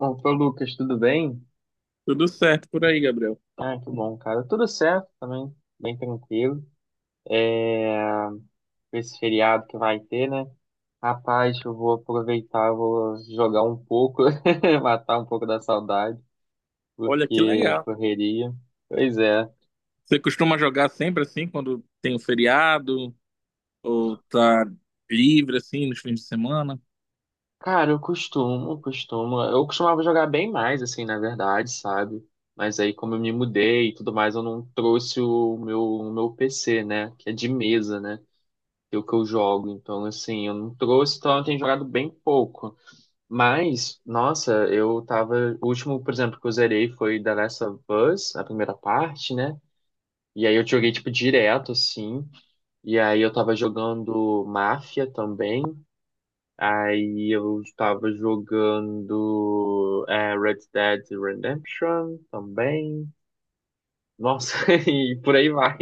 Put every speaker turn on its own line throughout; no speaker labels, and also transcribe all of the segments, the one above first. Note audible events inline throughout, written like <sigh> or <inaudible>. Opa, Lucas, tudo bem?
Tudo certo por aí, Gabriel.
Ah, que bom, cara. Tudo certo também, bem tranquilo. É... Esse feriado que vai ter, né? Rapaz, eu vou aproveitar, eu vou jogar um pouco, <laughs> matar um pouco da saudade,
Olha que
porque
legal.
correria. Pois é.
Você costuma jogar sempre assim, quando tem um feriado ou tá livre assim nos fins de semana?
Cara, eu costumo, costumo. Eu costumava jogar bem mais, assim, na verdade, sabe? Mas aí, como eu me mudei e tudo mais, eu não trouxe o meu PC, né? Que é de mesa, né, o que eu jogo. Então, assim, eu não trouxe, então eu tenho jogado bem pouco. Mas, nossa, eu tava. O último, por exemplo, que eu zerei foi The Last of Us, a primeira parte, né? E aí eu joguei, tipo, direto, assim. E aí eu tava jogando Máfia também. Aí eu tava jogando Red Dead Redemption também. Nossa, <laughs> e por aí vai.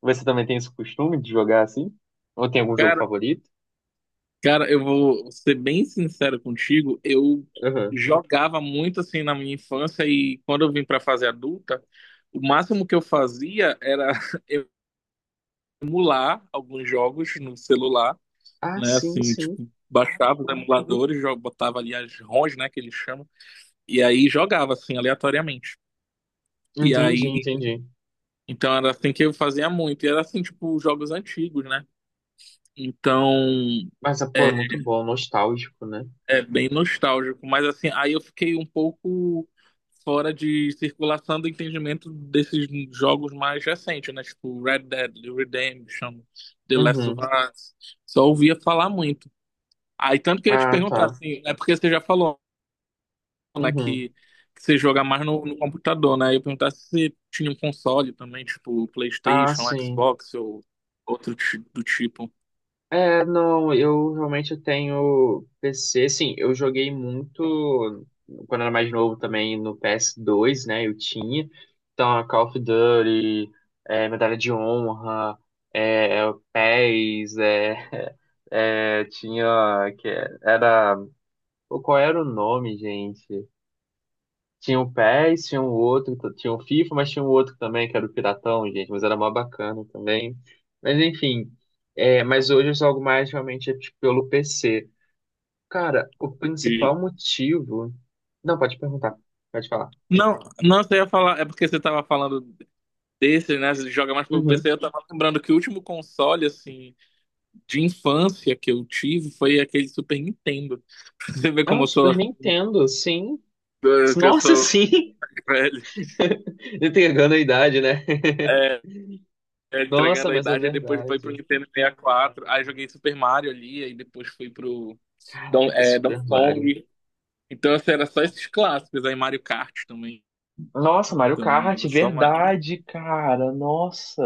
Você também tem esse costume de jogar assim? Ou tem algum jogo
Cara,
favorito?
cara, eu vou ser bem sincero contigo, eu
Uhum.
jogava muito assim na minha infância e quando eu vim pra fase adulta, o máximo que eu fazia era <laughs> emular alguns jogos no celular,
Ah,
né?
sim,
Assim,
sim.
tipo, baixava os emuladores, botava ali as ROMs, né, que eles chamam, e aí jogava assim aleatoriamente. E
Entendi,
aí,
entendi.
então era assim que eu fazia muito. E era assim, tipo, jogos antigos, né? Então,
Mas, ah, pô, é
é,
muito bom, nostálgico, né?
é bem nostálgico. Mas assim, aí eu fiquei um pouco fora de circulação do entendimento desses jogos mais recentes, né? Tipo, Red Dead Redemption, The Last
Uhum.
of Us. Só ouvia falar muito. Aí, tanto que eu ia te
Ah,
perguntar,
tá.
assim, é porque você já falou, né? Que,
Uhum.
que você joga mais no computador, né? Eu perguntar se você tinha um console também, tipo
Ah,
PlayStation,
sim.
Xbox ou outro do tipo.
É, não, eu realmente tenho PC, sim, eu joguei muito quando era mais novo também no PS2, né? Eu tinha. Então, Call of Duty, Medalha de Honra, é, PES, <laughs> tinha, que era, pô, qual era o nome, gente? Tinha o PES, tinha um outro, tinha o FIFA, mas tinha um outro também, que era o Piratão, gente, mas era mó bacana também. Mas enfim, mas hoje eu jogo mais realmente tipo, pelo PC. Cara, o
de-
principal motivo. Não, pode perguntar, pode falar.
Não, não, você ia falar, é porque você tava falando desse, né? Você joga mais pelo PC.
Uhum.
Eu tava lembrando que o último console, assim, de infância que eu tive foi aquele Super Nintendo. <laughs> Você vê
Ah,
como
o
eu sou,
Super Nintendo, sim.
<laughs> que eu
Nossa,
sou
sim!
velho.
<laughs> Entregando a idade, né?
É, é,
Nossa,
entregando a
mas é
idade, aí depois foi pro
verdade.
Nintendo 64, aí joguei Super Mario ali, aí depois fui pro
Caraca, Super
Donkey
Mario.
Kong. Então, assim, era só esses clássicos. Aí Mario Kart também.
Nossa, Mario
Então,
Kart,
era só uma...
verdade, cara. Nossa,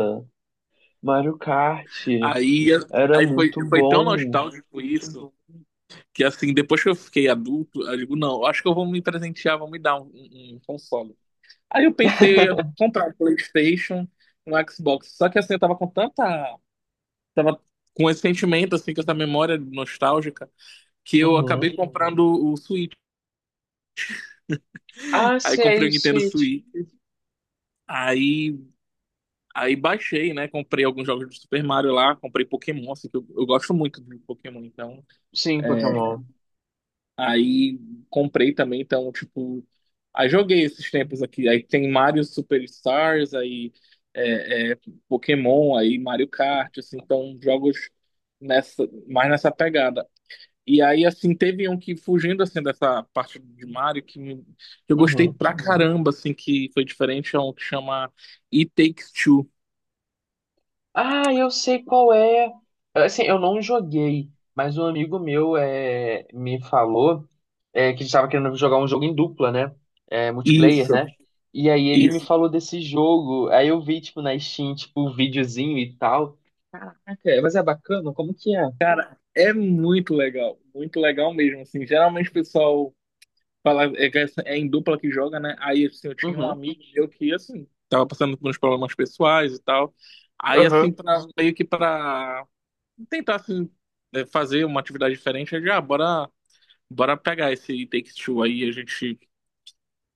Mario Kart.
Aí,
Era
aí, foi,
muito
foi tão
bom.
nostálgico isso que, assim, depois que eu fiquei adulto, eu digo, não, eu acho que eu vou me presentear, vou me dar um console. Aí eu pensei em comprar um PlayStation, um Xbox. Só que, assim, eu tava com tanta... Tava com esse sentimento, assim, com essa memória nostálgica, que eu
Uhum.
acabei comprando o Switch.
Ah,
Aí
sei,
comprei o Nintendo
Switch.
Switch. Aí Aí, baixei, né? Comprei alguns jogos do Super Mario lá, comprei Pokémon, assim, que eu gosto muito de Pokémon, então.
Sim,
É,
Pokémon.
aí comprei também, então, tipo. Aí joguei esses tempos aqui. Aí tem Mario Superstars, aí é, é, Pokémon, aí Mario Kart, assim, então jogos nessa, mais nessa pegada. E aí, assim, teve um que, fugindo, assim, dessa parte de Mario, que, que eu gostei
Uhum.
pra caramba, assim, que foi diferente, é um que chama It Takes Two.
Ah, eu sei qual é. Assim, eu não joguei, mas um amigo meu me falou que estava querendo jogar um jogo em dupla, né? É, multiplayer,
Isso.
né? E aí ele me
Isso.
falou desse jogo. Aí eu vi, tipo, na Steam, tipo, um videozinho e tal. Caraca, mas é bacana? Como que é?
Cara, é muito legal mesmo, assim, geralmente o pessoal fala, é, que é em dupla que joga, né, aí, assim, eu tinha um
Uhum.
amigo meu que, assim, tava passando por uns problemas pessoais e tal, aí, assim,
Aham.
pra, meio que pra tentar, assim, é, fazer uma atividade diferente, eu já, ah, bora, bora pegar esse Take-Two aí, a gente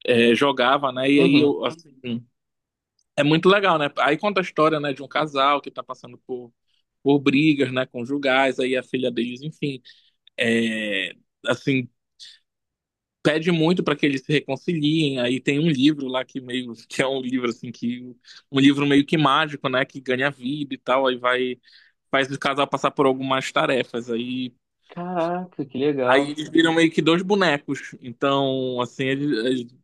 é, jogava, né, e aí,
Uhum.
eu, assim, é muito legal, né, aí conta a história, né, de um casal que tá passando por brigas, né, conjugais, aí a filha deles, enfim, é, assim, pede muito para que eles se reconciliem. Aí tem um livro lá que meio <laughs> que é um livro assim que um livro meio que mágico, né, que ganha vida e tal, aí vai faz o casal passar por algumas tarefas. Aí
Caraca, que
aí
legal.
eles viram meio que dois bonecos. Então, assim,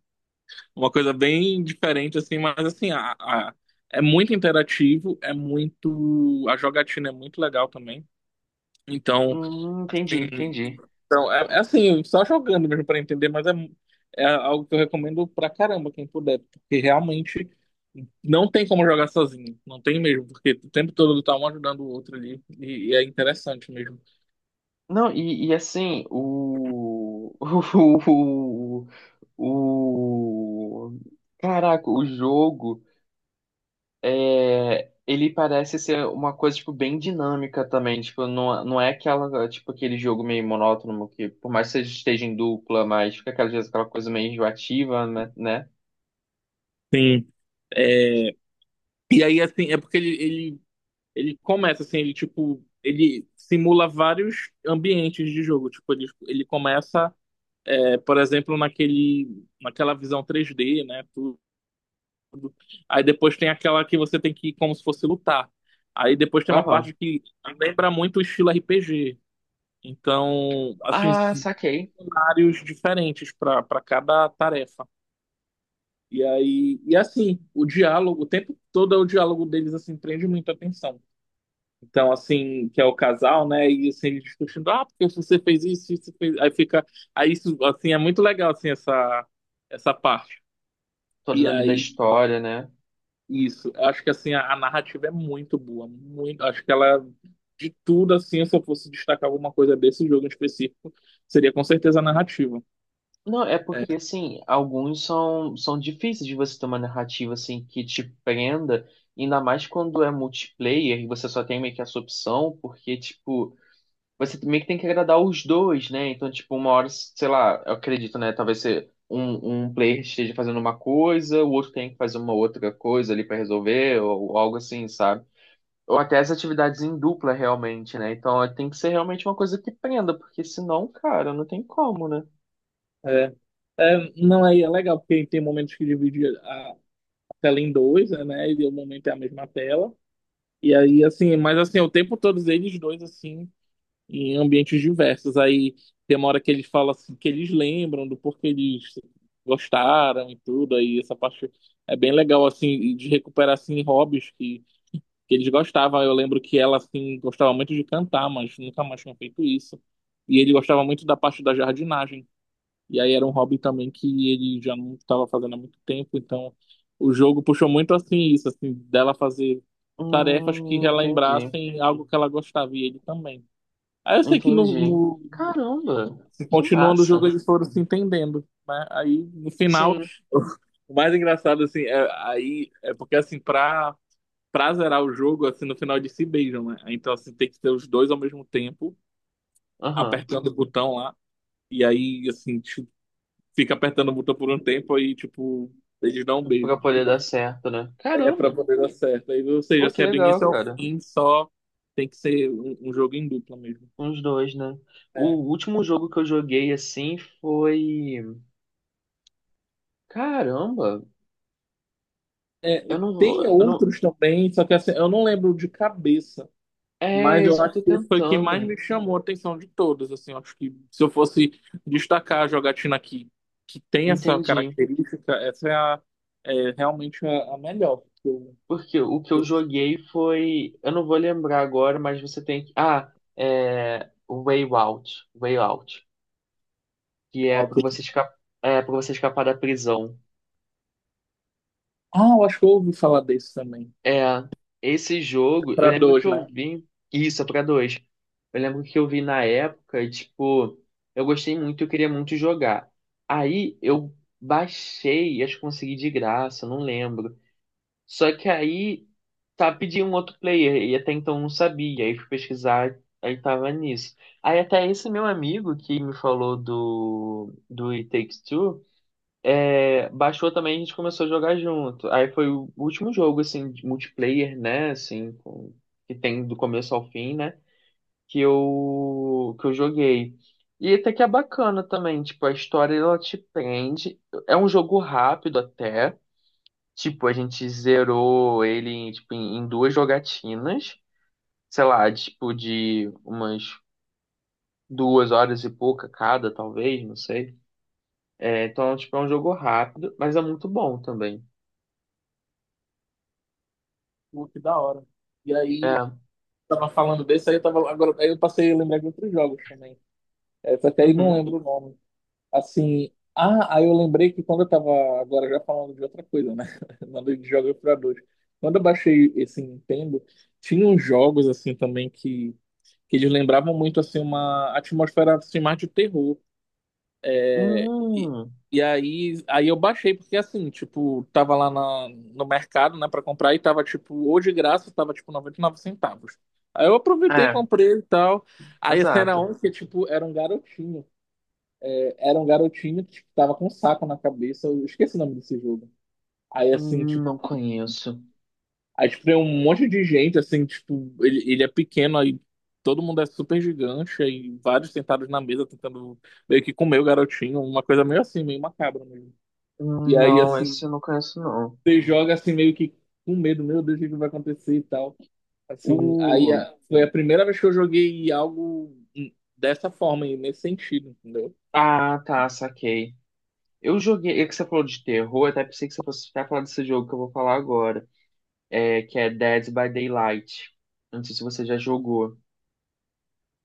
uma coisa bem diferente assim, mas assim, é muito interativo, é muito a jogatina é muito legal também. Então,
Entendi,
assim,
entendi.
então, é assim, só jogando mesmo para entender, mas é algo que eu recomendo pra caramba, quem puder, porque realmente não tem como jogar sozinho, não tem mesmo, porque o tempo todo tá um ajudando o outro ali, e é interessante mesmo.
Não, e assim, <laughs> o, o- Caraca, o jogo, ele parece ser uma coisa, tipo, bem dinâmica também. Tipo, não, não é aquela, tipo, aquele jogo meio monótono que, por mais que você esteja em dupla, mas fica aquela, às vezes, aquela coisa meio enjoativa, né?
Sim. É, e aí, assim, é porque ele começa, assim, ele, tipo, ele simula vários ambientes de jogo, tipo, ele começa, é, por exemplo, naquele, naquela visão 3D, né. Aí depois tem aquela que você tem que ir como se fosse lutar. Aí depois tem uma
Aham.
parte que lembra muito o estilo RPG. Então, assim,
Ah,
são
saquei.
cenários diferentes para cada tarefa. E aí, e assim, o diálogo, o tempo todo é o diálogo deles assim prende muita atenção. Então, assim, que é o casal, né? E assim, eles discutindo, ah, porque você fez isso, isso fez. Aí fica, aí isso, assim, é muito legal assim essa parte. E
Toda ali da
aí.
história, né?
Isso, eu acho que assim a narrativa é muito boa, muito, acho que ela de tudo assim, se eu fosse destacar alguma coisa desse jogo em específico, seria com certeza a narrativa.
Não, é
É,
porque, assim, alguns são difíceis de você ter uma narrativa, assim, que te prenda, ainda mais quando é multiplayer e você só tem meio que essa opção, porque, tipo, você meio que tem que agradar os dois, né? Então, tipo, uma hora, sei lá, eu acredito, né? Talvez você, um player esteja fazendo uma coisa, o outro tem que fazer uma outra coisa ali pra resolver, ou algo assim, sabe? Ou até as atividades em dupla, realmente, né? Então, tem que ser realmente uma coisa que prenda, porque senão, cara, não tem como, né?
é, é, não, aí é legal porque tem momentos que divide a tela em dois, né? E o momento é a mesma tela. E aí assim, mas assim, o tempo todos eles dois assim em ambientes diversos. Aí tem uma hora que eles falam assim, que eles lembram do porquê eles gostaram e tudo. Aí essa parte é bem legal, assim, de recuperar, assim, hobbies que eles gostavam. Eu lembro que ela, assim, gostava muito de cantar, mas nunca mais tinha feito isso. E ele gostava muito da parte da jardinagem. E aí era um hobby também que ele já não estava fazendo há muito tempo. Então o jogo puxou muito, assim, isso, assim, dela fazer tarefas que
Entendi.
relembrassem algo que ela gostava e ele também. Aí eu sei que
Entendi. Caramba,
assim,
que
continuando o
massa.
jogo eles foram se entendendo, né? Aí no final,
Sim,
<laughs> o mais engraçado assim, é, aí é porque assim pra para zerar o jogo assim no final eles se beijam, né? Então assim tem que ter os dois ao mesmo tempo
aham.
apertando o botão lá e aí assim tipo, fica apertando o botão por um tempo aí tipo eles dão um
Pra
beijo.
poder dar certo, né?
É pra
Caramba,
poder dar certo. Aí, ou seja,
pô, que
assim, é do
legal,
início ao
cara.
fim, só tem que ser um jogo em dupla mesmo.
Uns dois, né? O
É,
último jogo que eu joguei assim foi. Caramba,
É,
eu não vou.
tem
Eu não...
outros também, só que assim, eu não lembro de cabeça, mas
É isso
eu
que
acho
eu tô
que esse foi o que mais
tentando.
me chamou a atenção de todos. Assim, eu acho que se eu fosse destacar a jogatina que tem essa
Entendi.
característica, essa é, é realmente a melhor.
Porque o que
Que
eu
eu-
joguei foi. Eu não vou lembrar agora, mas você tem que. Ah, é. Way Out. Way Out. Que é
ó,
para
que-
você escapar, é para você escapar da prisão.
Ah, eu acho que eu ouvi falar desse também.
É, esse jogo, eu
Pra
lembro que
dois,
eu
né?
vi isso, é para dois. Eu lembro que eu vi na época, e, tipo, eu gostei muito, eu queria muito jogar. Aí eu baixei, acho que consegui de graça, não lembro. Só que aí tá pedindo um outro player e até então eu não sabia, aí fui pesquisar, aí tava nisso. Aí até esse meu amigo que me falou do It Takes Two. É, Baixou também, a gente começou a jogar junto. Aí foi o último jogo, assim, de multiplayer, né? Assim, que tem do começo ao fim, né? Que eu joguei. E até que é bacana também, tipo, a história ela te prende. É um jogo rápido até. Tipo, a gente zerou ele em, tipo, em duas jogatinas. Sei lá, tipo, de umas 2 horas e pouca cada, talvez, não sei. É, então, tipo, é um jogo rápido, mas é muito bom também.
Pô, que da hora. E aí,
É.
tava falando desse, aí eu tava. Agora, aí eu passei a lembrar de outros jogos também. Essa até aí não
Uhum.
lembro o nome. Assim, ah, aí eu lembrei que quando eu tava agora já falando de outra coisa, né? <laughs> Falando de jogos para dois. Quando eu baixei esse Nintendo, tinha uns jogos assim também que eles lembravam muito assim uma atmosfera assim, mais de terror. E,
Hum,
e aí eu baixei porque assim, tipo, tava lá na, no mercado, né, para comprar e tava tipo, ou de graça, tava tipo 99 centavos. Aí eu aproveitei,
é,
comprei e tal. Aí esse era
exato.
um que tipo, era um garotinho que tipo, tava com um saco na cabeça, eu esqueci o nome desse jogo. Aí, assim,
Não
tipo,
conheço.
aí tipo, tem um monte de gente, assim, tipo, ele é pequeno, aí todo mundo é super gigante, aí vários sentados na mesa tentando meio que comer o garotinho, uma coisa meio assim, meio macabra mesmo. E aí,
Não,
assim,
esse eu não conheço, não.
você joga assim meio que com medo, meu Deus, o que que vai acontecer e tal. Assim,
O...
foi a primeira vez que eu joguei algo dessa forma, e nesse sentido, entendeu?
Ah, tá, saquei. Eu joguei, é que você falou de terror, eu até pensei que você fosse até falar desse jogo que eu vou falar agora, que é Dead by Daylight. Não sei se você já jogou.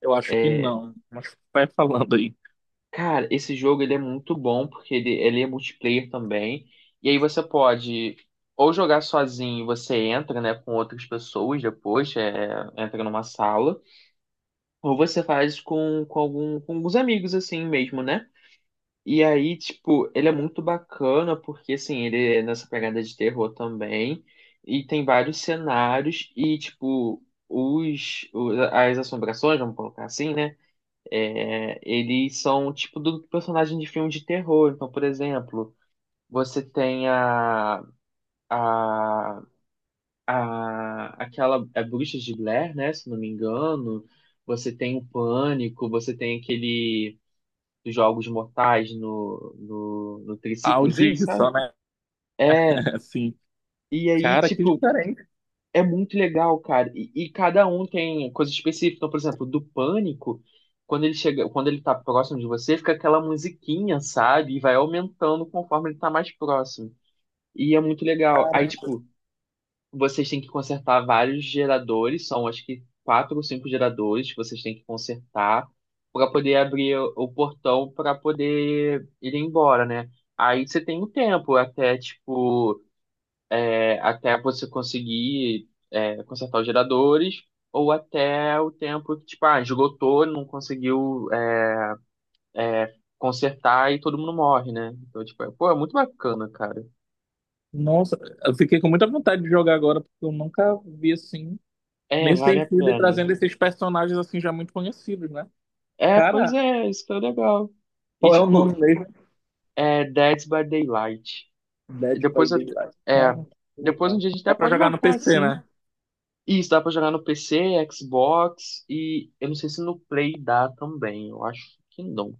Eu acho que
É,
não, mas vai falando aí.
cara, esse jogo ele é muito bom, porque ele é multiplayer também, e aí você pode ou jogar sozinho, você entra, né, com outras pessoas depois, entra numa sala. Ou você faz com alguns amigos, assim mesmo, né? E aí, tipo, ele é muito bacana, porque, assim, ele é nessa pegada de terror também. E tem vários cenários, e, tipo, as assombrações, vamos colocar assim, né? É, eles são, tipo, do personagem de filme de terror. Então, por exemplo, você tem a a Bruxa de Blair, né? Se não me engano, você tem o Pânico, você tem aquele dos Jogos Mortais no
Ah,
triciclozinho,
Audi
sabe?
só, né?
É,
<laughs> Assim,
e aí,
cara, que
tipo,
diferente,
é muito legal, cara. E cada um tem coisa específica. Então, por exemplo, do Pânico, quando ele chega, quando ele tá próximo de você, fica aquela musiquinha, sabe? E vai aumentando conforme ele tá mais próximo. E é muito legal. Aí,
cara.
tipo, vocês têm que consertar vários geradores, são acho que quatro ou cinco geradores que vocês têm que consertar para poder abrir o portão para poder ir embora, né? Aí você tem um tempo até tipo até você conseguir consertar os geradores, ou até o tempo que tipo esgotou, não conseguiu consertar e todo mundo morre, né? Então tipo pô, é muito bacana, cara.
Nossa, eu fiquei com muita vontade de jogar agora, porque eu nunca vi assim,
É,
nesse
vale a
sentido, e
pena.
trazendo esses personagens assim já muito conhecidos, né?
É, pois
Cara,
é, isso que é o legal. E,
qual é o
tipo,
nome mesmo?
é Dead by Daylight. E
Dead by
Depois, eu-
Daylight.
é,
Cara, que
Depois um
legal.
dia a gente até
Dá pra
pode
jogar no
marcar,
PC,
assim.
né?
Isso, dá pra jogar no PC, Xbox e eu não sei se no Play dá também. Eu acho que não.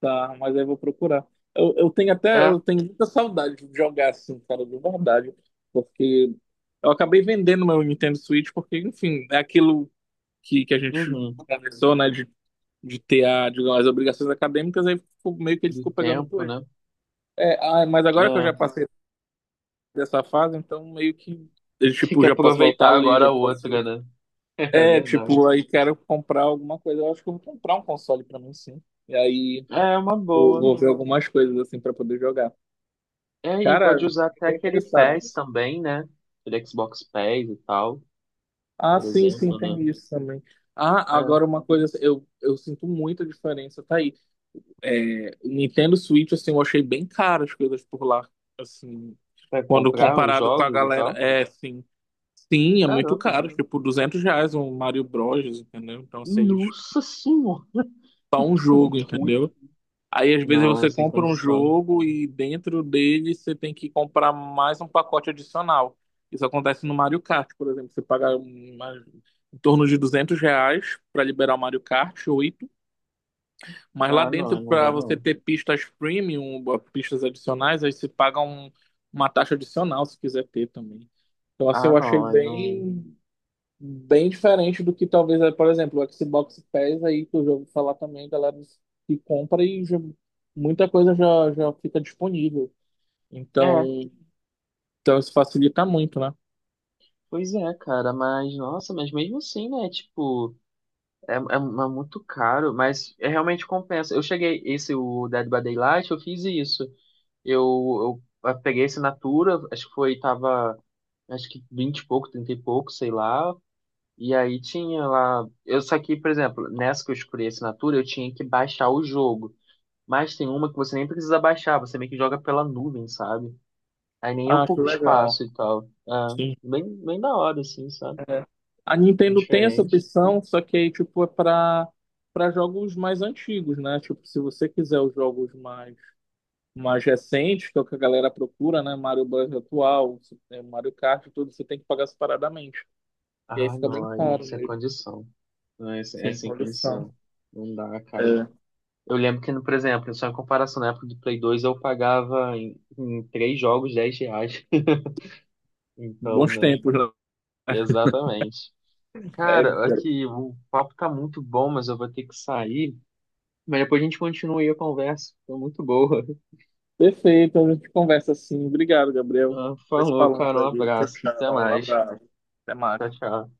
Tá, mas aí eu vou procurar. Eu tenho até,
É,
eu tenho muita saudade de jogar assim, cara, de verdade, porque eu acabei vendendo meu Nintendo Switch, porque, enfim, é aquilo que a gente
uhum,
conversou, né, de ter a, digamos, as obrigações acadêmicas, aí meio que ele
do
ficou pegando
tempo,
poeira.
né?
É, ah, mas agora que eu já
É,
passei dessa fase, então meio que, eu,
<laughs> tem
tipo,
que
já posso voltar
aproveitar
a ler,
agora a
já
outra,
posso...
né? <laughs> É
É,
verdade.
tipo, aí quero comprar alguma coisa. Eu acho que eu vou comprar um console pra mim, sim. E aí
É uma
eu
boa.
vou ver algumas coisas, assim, pra poder jogar.
É, e
Cara,
pode usar
fiquei
até
bem
aquele
interessado
PES
nisso.
também, né? Aquele Xbox PES e tal,
Ah,
por
sim, sim,
exemplo, né?
tem isso também. Ah,
É,
agora uma coisa, assim, eu sinto muita diferença, tá aí. É, Nintendo Switch, assim, eu achei bem caro as coisas por lá. Assim,
pra
quando
comprar os
comparado com a
jogos e
galera,
tal.
é sim. Sim, é muito
Caramba.
caro, tipo R$ 200 um Mario Bros, entendeu? Então, vocês
Nossa senhora.
só um jogo,
Ui,
entendeu? Aí, às vezes,
não,
você
sem
compra um
condição.
jogo e dentro dele você tem que comprar mais um pacote adicional. Isso acontece no Mario Kart, por exemplo. Você paga em torno de R$ 200 para liberar o Mario Kart 8. Mas lá
Ah, não,
dentro,
não
para
dá
você
não.
ter pistas premium, pistas adicionais, aí você paga uma taxa adicional se quiser ter também. Então, assim,
Ah,
eu achei
não, aí não.
bem, bem diferente do que talvez, eh, por exemplo, o Xbox Pass aí, que eu já ouvi falar também, galera que compra e muita coisa já fica disponível.
É,
Então, isso facilita muito, né?
pois é, cara, mas nossa, mas mesmo assim, né? Tipo, é muito caro, mas é realmente compensa. Eu cheguei, esse, o Dead by Daylight, eu fiz isso. Eu peguei a assinatura, acho que foi, tava, acho que 20 e pouco, 30 e pouco, sei lá. E aí tinha lá. Eu, só que, por exemplo, nessa que eu escolhi a assinatura, eu tinha que baixar o jogo. Mas tem uma que você nem precisa baixar, você meio que joga pela nuvem, sabe? Aí nem
Ah, que
ocupa
legal.
espaço e tal. Ah,
Sim.
bem, bem da hora, assim, sabe?
É. A Nintendo tem essa
Diferente.
opção, só que aí, tipo, é para jogos mais antigos, né? Tipo, se você quiser os jogos mais recentes, que é o que a galera procura, né? Mario Bros atual, é, Mario Kart, e tudo, você tem que pagar separadamente. E aí
Ah,
fica bem
não, aí é
caro
sem
mesmo.
condição. Não, é, é
Sim,
sem
olha só.
condição. Não dá, cara.
É,
Eu lembro que, por exemplo, só em comparação na época do Play 2, eu pagava em, três jogos R$ 10. <laughs> Então,
bons
né?
tempos, né?
Exatamente.
É,
Cara, aqui o papo tá muito bom, mas eu vou ter que sair. Mas depois a gente continua aí a conversa. Foi muito boa.
perfeito, a gente conversa assim. Obrigado, Gabriel.
Ah,
Vai se
falou,
falando
cara. Um
aí. Tchau,
abraço. Até
tchau. Um
mais.
abraço. Até
Tchau,
mais.
tchau.